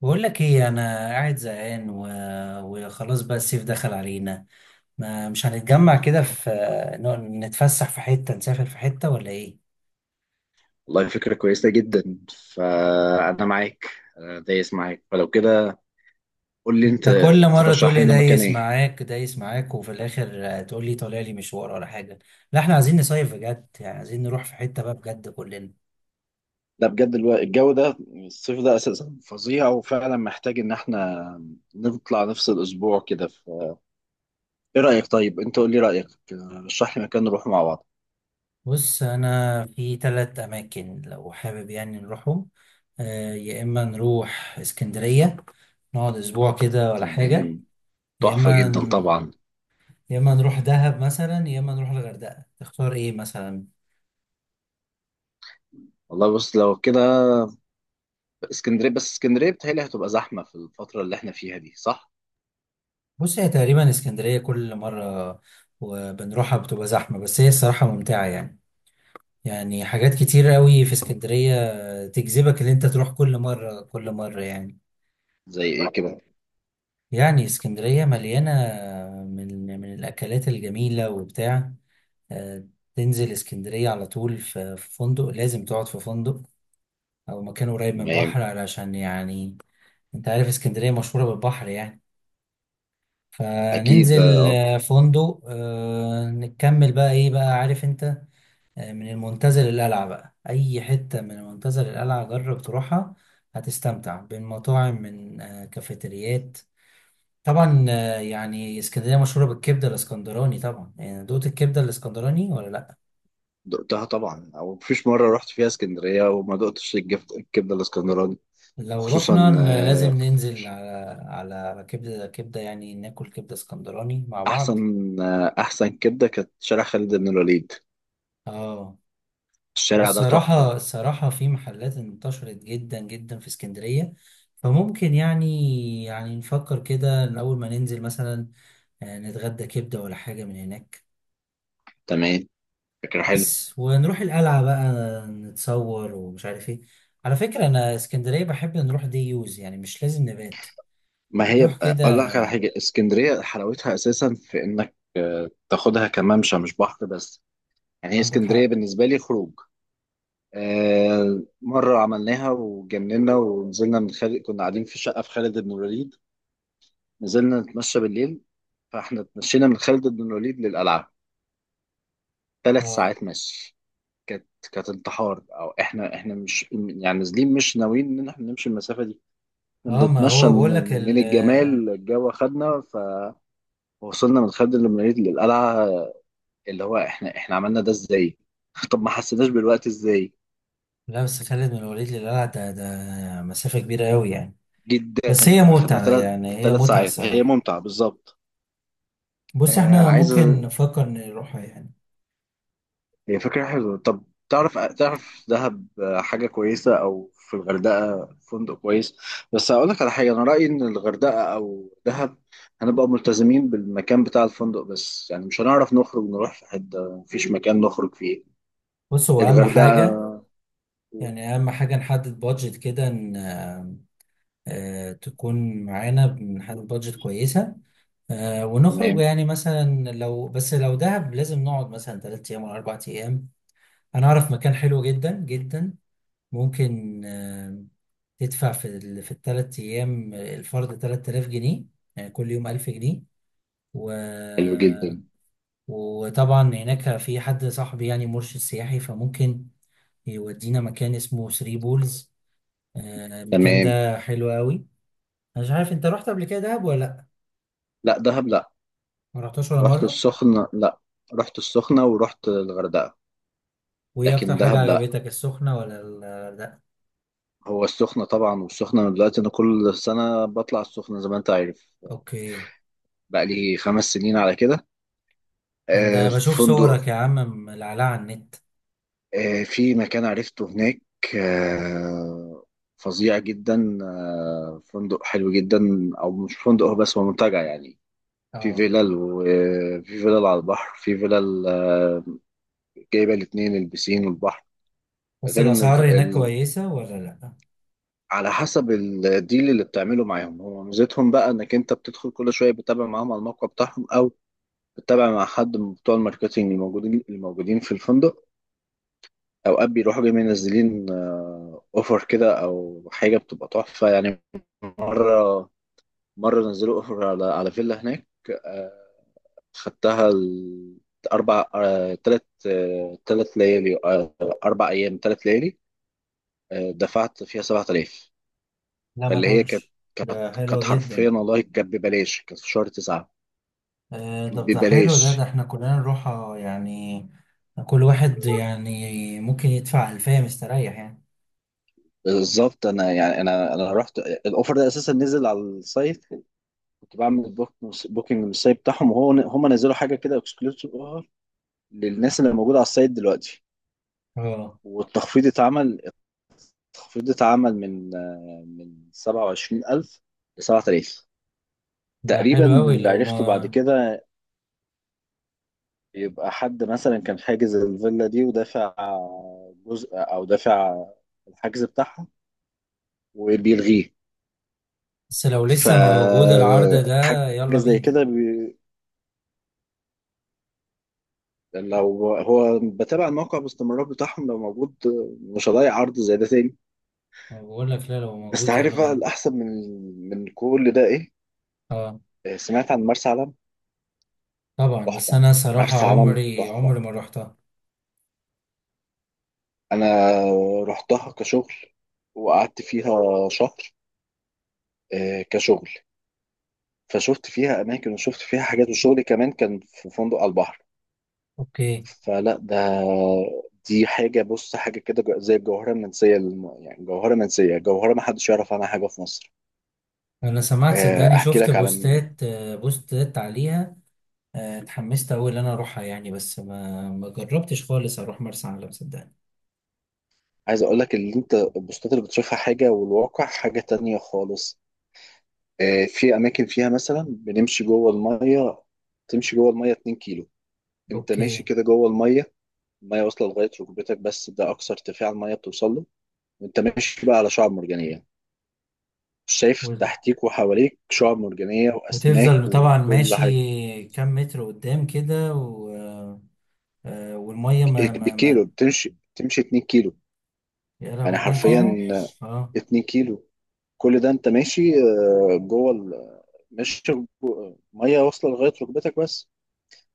بقول لك ايه؟ انا قاعد زهقان وخلاص بقى الصيف دخل علينا. ما مش هنتجمع كده في، نتفسح في حتة، نسافر في حتة ولا ايه؟ والله فكرة كويسة جدا، فأنا معاك. أنا دايس معاك، فلو كده قول لي انت أنت، كل مرة تقول ترشح لي لنا مكان دايس إيه؟ معاك دايس معاك، وفي الاخر تقول لي طالع لي مشوار ولا حاجة. لا احنا عايزين نصيف بجد، يعني عايزين نروح في حتة بقى بجد كلنا. لا بجد الجو ده، الصيف ده أساسا فظيع، وفعلا محتاج إن إحنا نطلع نفصل أسبوع كده. فإيه رأيك طيب؟ أنت قول لي رأيك، رشح لي مكان نروح مع بعض. بص انا في ثلاث اماكن لو حابب يعني نروحهم. يا اما نروح اسكندرية، نقعد اسبوع كده ولا حاجة. تمام، يا تحفة اما جدا طبعا. يا اما نروح دهب مثلا، يا اما نروح الغردقه. تختار ايه مثلا؟ والله بص، لو كده اسكندرية. بس اسكندرية بتهيألي هتبقى زحمة في الفترة اللي إحنا فيها دي، صح؟ بص هي تقريبا اسكندريه كل مره وبنروحها بتبقى زحمه، بس هي الصراحه ممتعه يعني. يعني حاجات كتير قوي في اسكندريه تجذبك ان انت تروح كل مره كل مره يعني. زي إيه كده؟ يعني اسكندريه مليانه من الاكلات الجميله وبتاع. آه، تنزل اسكندريه على طول في فندق، لازم تقعد في فندق او مكان قريب من تمام، بحر علشان يعني انت عارف اسكندريه مشهوره بالبحر يعني. أكيد فننزل آه. فندق، نكمل بقى ايه بقى، عارف انت. من المنتزه للقلعة بقى، اي حتة من المنتزه للقلعة جرب تروحها، هتستمتع بين مطاعم، من كافيتريات. طبعا، يعني اسكندرية مشهورة بالكبدة الاسكندراني طبعا. يعني دوقت الكبدة الاسكندراني ولا لا؟ دقتها طبعا، او مفيش مره رحت فيها اسكندريه وما دقتش الكبده الاسكندراني. لو رحنا، وخصوصا لازم ننزل على كبدة، يعني ناكل كبدة اسكندراني مع بعض. احسن. احسن كبده كانت شارع خالد بن الوليد، اه. الشارع ده والصراحة تحفه. الصراحة في محلات انتشرت جدا جدا في اسكندرية. فممكن يعني نفكر كده إن أول ما ننزل مثلا، نتغدى كبدة ولا حاجة من هناك. تمام، فكره حلو. بس ونروح القلعة بقى، نتصور ومش عارف ايه. على فكرة أنا اسكندرية بحب نروح دي يوز، يعني مش لازم نبات. ما هي بقى- نروح كده. اقول لك على حاجه، اسكندريه حلاوتها اساسا في انك تاخدها كممشى مش بحر بس. يعني هي عندك اسكندريه حق. بالنسبه لي خروج. مره عملناها وجننا ونزلنا من خالد، كنا قاعدين في شقه في خالد بن الوليد، نزلنا نتمشى بالليل، فاحنا اتمشينا من خالد بن الوليد للقلعه، ثلاث اه ساعات مشي. كانت، كانت انتحار. او احنا مش يعني نازلين مش ناويين ان احنا نمشي المسافه دي. احنا اه. ما بنتمشى، هو بقول لك من الجمال الجو خدنا، فوصلنا من خالد بن الوليد للقلعه، اللي هو احنا عملنا ده ازاي. طب ما حسيناش بالوقت ازاي. لا، بس خالد من الوليد للقلعة ده ده مسافة كبيرة أوي يعني. جدا، بس هي اخدنا متعة، ثلاث يعني هي ثلاث متعة ساعات، هي الصراحة. ممتعه بالظبط. بص آه احنا عايز، ممكن نفكر نروح يعني. هي فكرة حلوة. طب تعرف دهب حاجة كويسة، أو في الغردقة فندق كويس. بس هقول لك على حاجة، أنا رأيي إن الغردقة أو دهب هنبقى ملتزمين بالمكان بتاع الفندق بس، يعني مش هنعرف نخرج نروح في حتة، مفيش مكان نخرج فيه. بص هو اهم حاجة، الغردقة. يعني اهم حاجة نحدد بادجت كده ان تكون معانا، بنحدد بادجت كويسة. ونخرج تمام. يعني. مثلا لو بس لو دهب، لازم نقعد مثلا 3 ايام ولا 4 ايام. انا اعرف مكان حلو جدا جدا، ممكن تدفع في ال3 ايام الفرد 3000 جنيه، يعني كل يوم 1000 جنيه. و حلو جدا. وطبعا هناك في حد صاحبي يعني مرشد سياحي، فممكن يودينا مكان اسمه ثري بولز. المكان تمام. ده حلو قوي. انا مش عارف انت رحت قبل كده دهب ولا لا؟ لا، دهب لا. ما رحتش ولا رحت مره؟ السخنة، لا رحت السخنة ورحت الغردقة. وايه اكتر لكن حاجه دهب لا. عجبتك، السخنه ولا لا؟ هو السخنة طبعا، والسخنة من دلوقتي أنا كل سنة بطلع السخنة زي ما أنت عارف، اوكي. بقى لي خمس سنين على كده. انا في بشوف فندق، صورك يا عم ملعلعه على النت. في مكان عرفته هناك. آه، فظيع جدا، فندق حلو جدا، او مش فندق هو، بس هو منتجع يعني. في اه. فيلل، وفي فيلل على البحر، في فيلل جايبه الاثنين، البسين والبحر. بس غير ان الاسعار هناك كويسه ولا لا؟ على حسب الديل اللي بتعمله معاهم. هو ميزتهم بقى انك انت بتدخل كل شويه بتتابع معاهم على الموقع بتاعهم، او بتتابع مع حد من بتوع الماركتينج الموجودين، في الفندق. اوقات بيروحوا جاي منزلين اوفر كده او حاجه، بتبقى تحفه يعني. مره مره نزلوا اوفر على فيلا هناك. آه، خدتها اربع، ثلاث ثلاث ليالي، اربع ايام ثلاث ليالي. دفعت فيها 7000. لا ما فاللي هي كانت، تقولش. كانت ده كانت حلوه جدا. حرفيا والله كانت ببلاش، كانت في شهر تسعة. طب ده حلو، ده ده ببلاش احنا كلنا نروح يعني، كل واحد يعني ممكن يدفع ألفية مستريح يعني. بالظبط. انا يعني انا رحت الاوفر ده اساسا نزل على السايت، كنت بعمل بوك، بوكينج من السايت بتاعهم، وهو هم نزلوا حاجه كده اكسكلوسيف للناس اللي موجوده على السايت دلوقتي. اه. والتخفيض اتعمل، التخفيض اتعمل من من 27,000 ل 7000 ده تقريبا، حلو أوي. اللي لو عرفته بعد ما، كده يبقى حد مثلا كان حاجز الفيلا دي ودافع جزء، او دافع الحجز بتاعها وبيلغيه. بس لو لسه موجود العرض فحاجه ده يلا زي بينا. كده لو هو بتابع الموقع باستمرار بتاعهم، لو موجود مش هضيع عرض زي ده تاني. أنا بقول لك، لا لو بس موجود يلا عارف بقى بينا. الأحسن من كل ده إيه؟ اه سمعت عن مرسى علم. طبعا، بس تحفة، أنا صراحة مرسى علم عمري عمري تحفة. ما روحتها. أنا رحتها كشغل، وقعدت فيها شهر، كشغل، فشفت فيها أماكن، وشفت فيها حاجات، وشغلي كمان كان في فندق على البحر. اوكي. فلا ده، دي حاجة، بص حاجة كده زي الجوهرة المنسية، يعني جوهرة منسية، جوهرة محدش يعرف عنها حاجة في مصر. أنا سمعت صدقني، احكي شفت لك على بوستات عليها. اتحمست أوي إن أنا أروحها يعني، بس ما جربتش خالص أروح مرسى علم صدقني. عايز اقول لك، اللي انت البوستات اللي بتشوفها حاجه، والواقع حاجه تانية خالص. في اماكن فيها مثلا بنمشي جوه الميه، تمشي جوه الميه 2 كيلو. انت ماشي اوكي. كده جوه الميه، الميه واصله لغايه ركبتك بس، ده اقصى ارتفاع الميه بتوصل له. وانت ماشي بقى على شعاب مرجانيه، شايف تحتيك وحواليك شعاب مرجانيه واسماك وتفضل طبعا وكل حاجه. ماشي كام متر قدام كده و... آه، آه، والميه بالكيلو ما. بتمشي، تمشي 2 كيلو، يا يعني لهوي، 2 حرفيا كيلو. اه. 2 كيلو. كل ده انت ماشي جوه مش، ميه واصله لغايه ركبتك بس.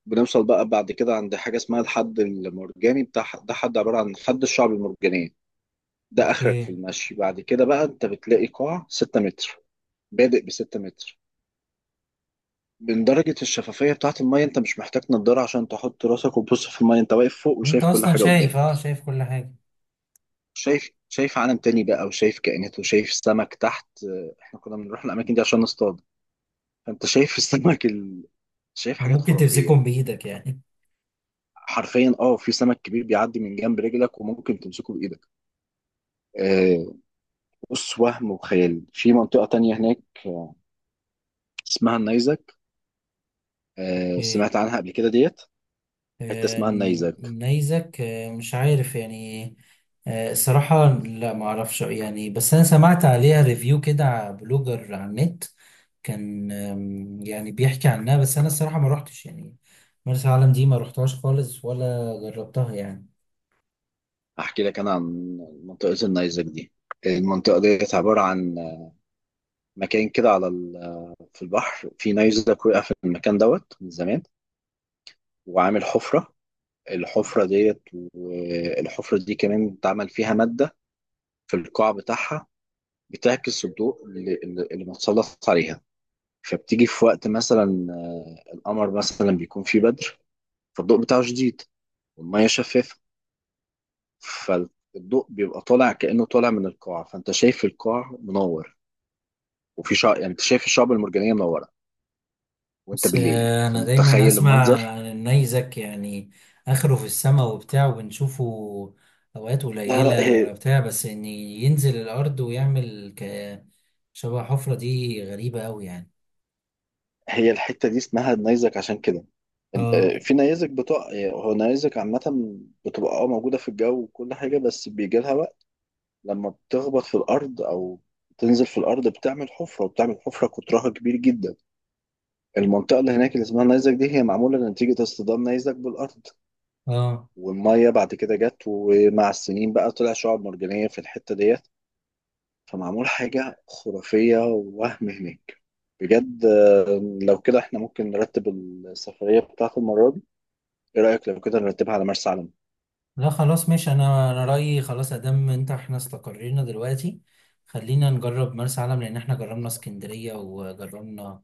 بنوصل بقى بعد كده عند حاجه اسمها الحد المرجاني بتاع ده، حد عباره عن حد الشعب المرجانيه. ده اخرك في اوكي. المشي، بعد كده بقى انت بتلاقي قاع 6 متر، بادئ ب 6 متر. من درجه الشفافيه بتاعه الميه، انت مش محتاج نضاره عشان تحط راسك وتبص في الميه، انت واقف فوق انت وشايف كل اصلا حاجه شايف، قدامك. شايف كل حاجه. شايف عالم تاني بقى، وشايف كائنات، وشايف سمك تحت. احنا كنا بنروح الاماكن دي عشان نصطاد. فانت شايف السمك ال… شايف حاجات ممكن خرافيه. تمسكهم بايدك يعني. حرفيا اه، في سمك كبير بيعدي من جنب رجلك، وممكن تمسكه بايدك. آه، بص وهم وخيال في منطقه تانية هناك، آه، اسمها النيزك. اوكي. سمعت عنها قبل كده ديت، حته آه، اسمها النيزك. نيزك، مش عارف يعني. الصراحة لا، ما اعرفش يعني، بس انا سمعت عليها ريفيو كده على بلوجر على النت. كان يعني بيحكي عنها، بس انا الصراحة ما روحتش يعني. مرسى علم دي ما روحتهاش خالص ولا جربتها يعني. احكي لك انا عن منطقه النيزك دي. المنطقه ديت عباره عن مكان كده على في البحر، في نيزك وقع في المكان دوت من زمان، وعامل حفره. الحفره ديت، والحفره دي كمان اتعمل فيها ماده في القاع بتاعها، بتعكس الضوء اللي متسلط عليها. فبتيجي في وقت مثلا القمر مثلا بيكون فيه بدر، فالضوء بتاعه شديد، والمية شفافة، فالضوء بيبقى طالع كأنه طالع من القاع، فأنت شايف القاع منور. وفي شع… يعني أنت شايف الشعب المرجانية منورة، وأنت بس بالليل، انا دايما فمتخيل اسمع المنظر. عن النيزك، يعني اخره في السماء وبتاع وبنشوفه اوقات لا قليله لا ولا هي، بتاع، بس ان ينزل الارض ويعمل شبه حفره دي، غريبه قوي يعني. هي الحتة دي اسمها النيزك عشان كده اه في نيزك بتوع، هو نيزك عامة بتبقى اه موجودة في الجو وكل حاجة، بس بيجي لها وقت لما بتخبط في الارض او تنزل في الارض بتعمل حفره، وبتعمل حفره قطرها كبير جدا. المنطقه اللي هناك اللي اسمها النيزك دي هي معموله نتيجه اصطدام نيزك بالارض، اه. والميه بعد كده جت، ومع السنين بقى طلع شعاب مرجانيه في الحته ديت. فمعمول حاجه خرافيه ووهم هناك بجد. لو كده احنا ممكن نرتب السفريه بتاعت المره دي، ايه رايك لو كده نرتبها على مرسى علم؟ لا خلاص ماشي. انا رايي خلاص، ادام انت احنا استقرينا دلوقتي خلينا نجرب مرسى علم، لان احنا جربنا اسكندريه وجربنا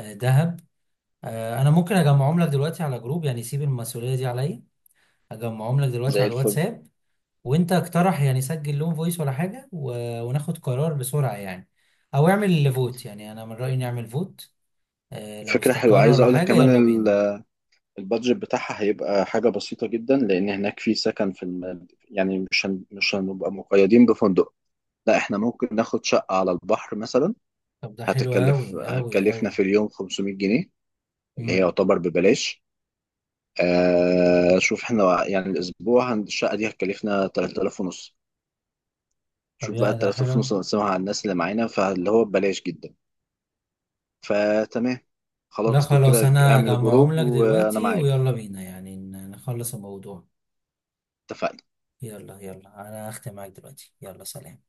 دهب. انا ممكن اجمعهم لك دلوقتي على جروب، يعني سيب المسؤوليه دي عليا، اجمعهم لك دلوقتي زي على الفل. الواتساب. وانت اقترح، يعني سجل لهم فويس ولا حاجة وناخد قرار بسرعة يعني. او اعمل فوت، يعني انا من رأيي نعمل فوت. لو فكره حلوه، استقر عايز ولا اقول لك حاجة كمان، يلا بينا. البادجت بتاعها هيبقى حاجة بسيطة جدا، لأن هناك في سكن في الم… يعني مش هن… مش هنبقى مقيدين بفندق، لا احنا ممكن ناخد شقة على البحر مثلا. طب ده حلو اوي هتكلف، اوي هتكلفنا اوي. في اليوم 500 جنيه، اللي هي مم. يعتبر ببلاش. آه… شوف احنا يعني الأسبوع الشقة دي هتكلفنا 3000 ونص، طب شوف يا بقى ده 3000 حلو. ونص نقسمها على الناس اللي معانا، فاللي هو ببلاش جدا. فتمام، لا خلاص لو خلاص، كده انا اعمل هجمعهم جروب لك وأنا دلوقتي معاك. ويلا بينا يعني نخلص الموضوع. اتفقنا. يلا يلا، انا هختم معاك دلوقتي، يلا سلام.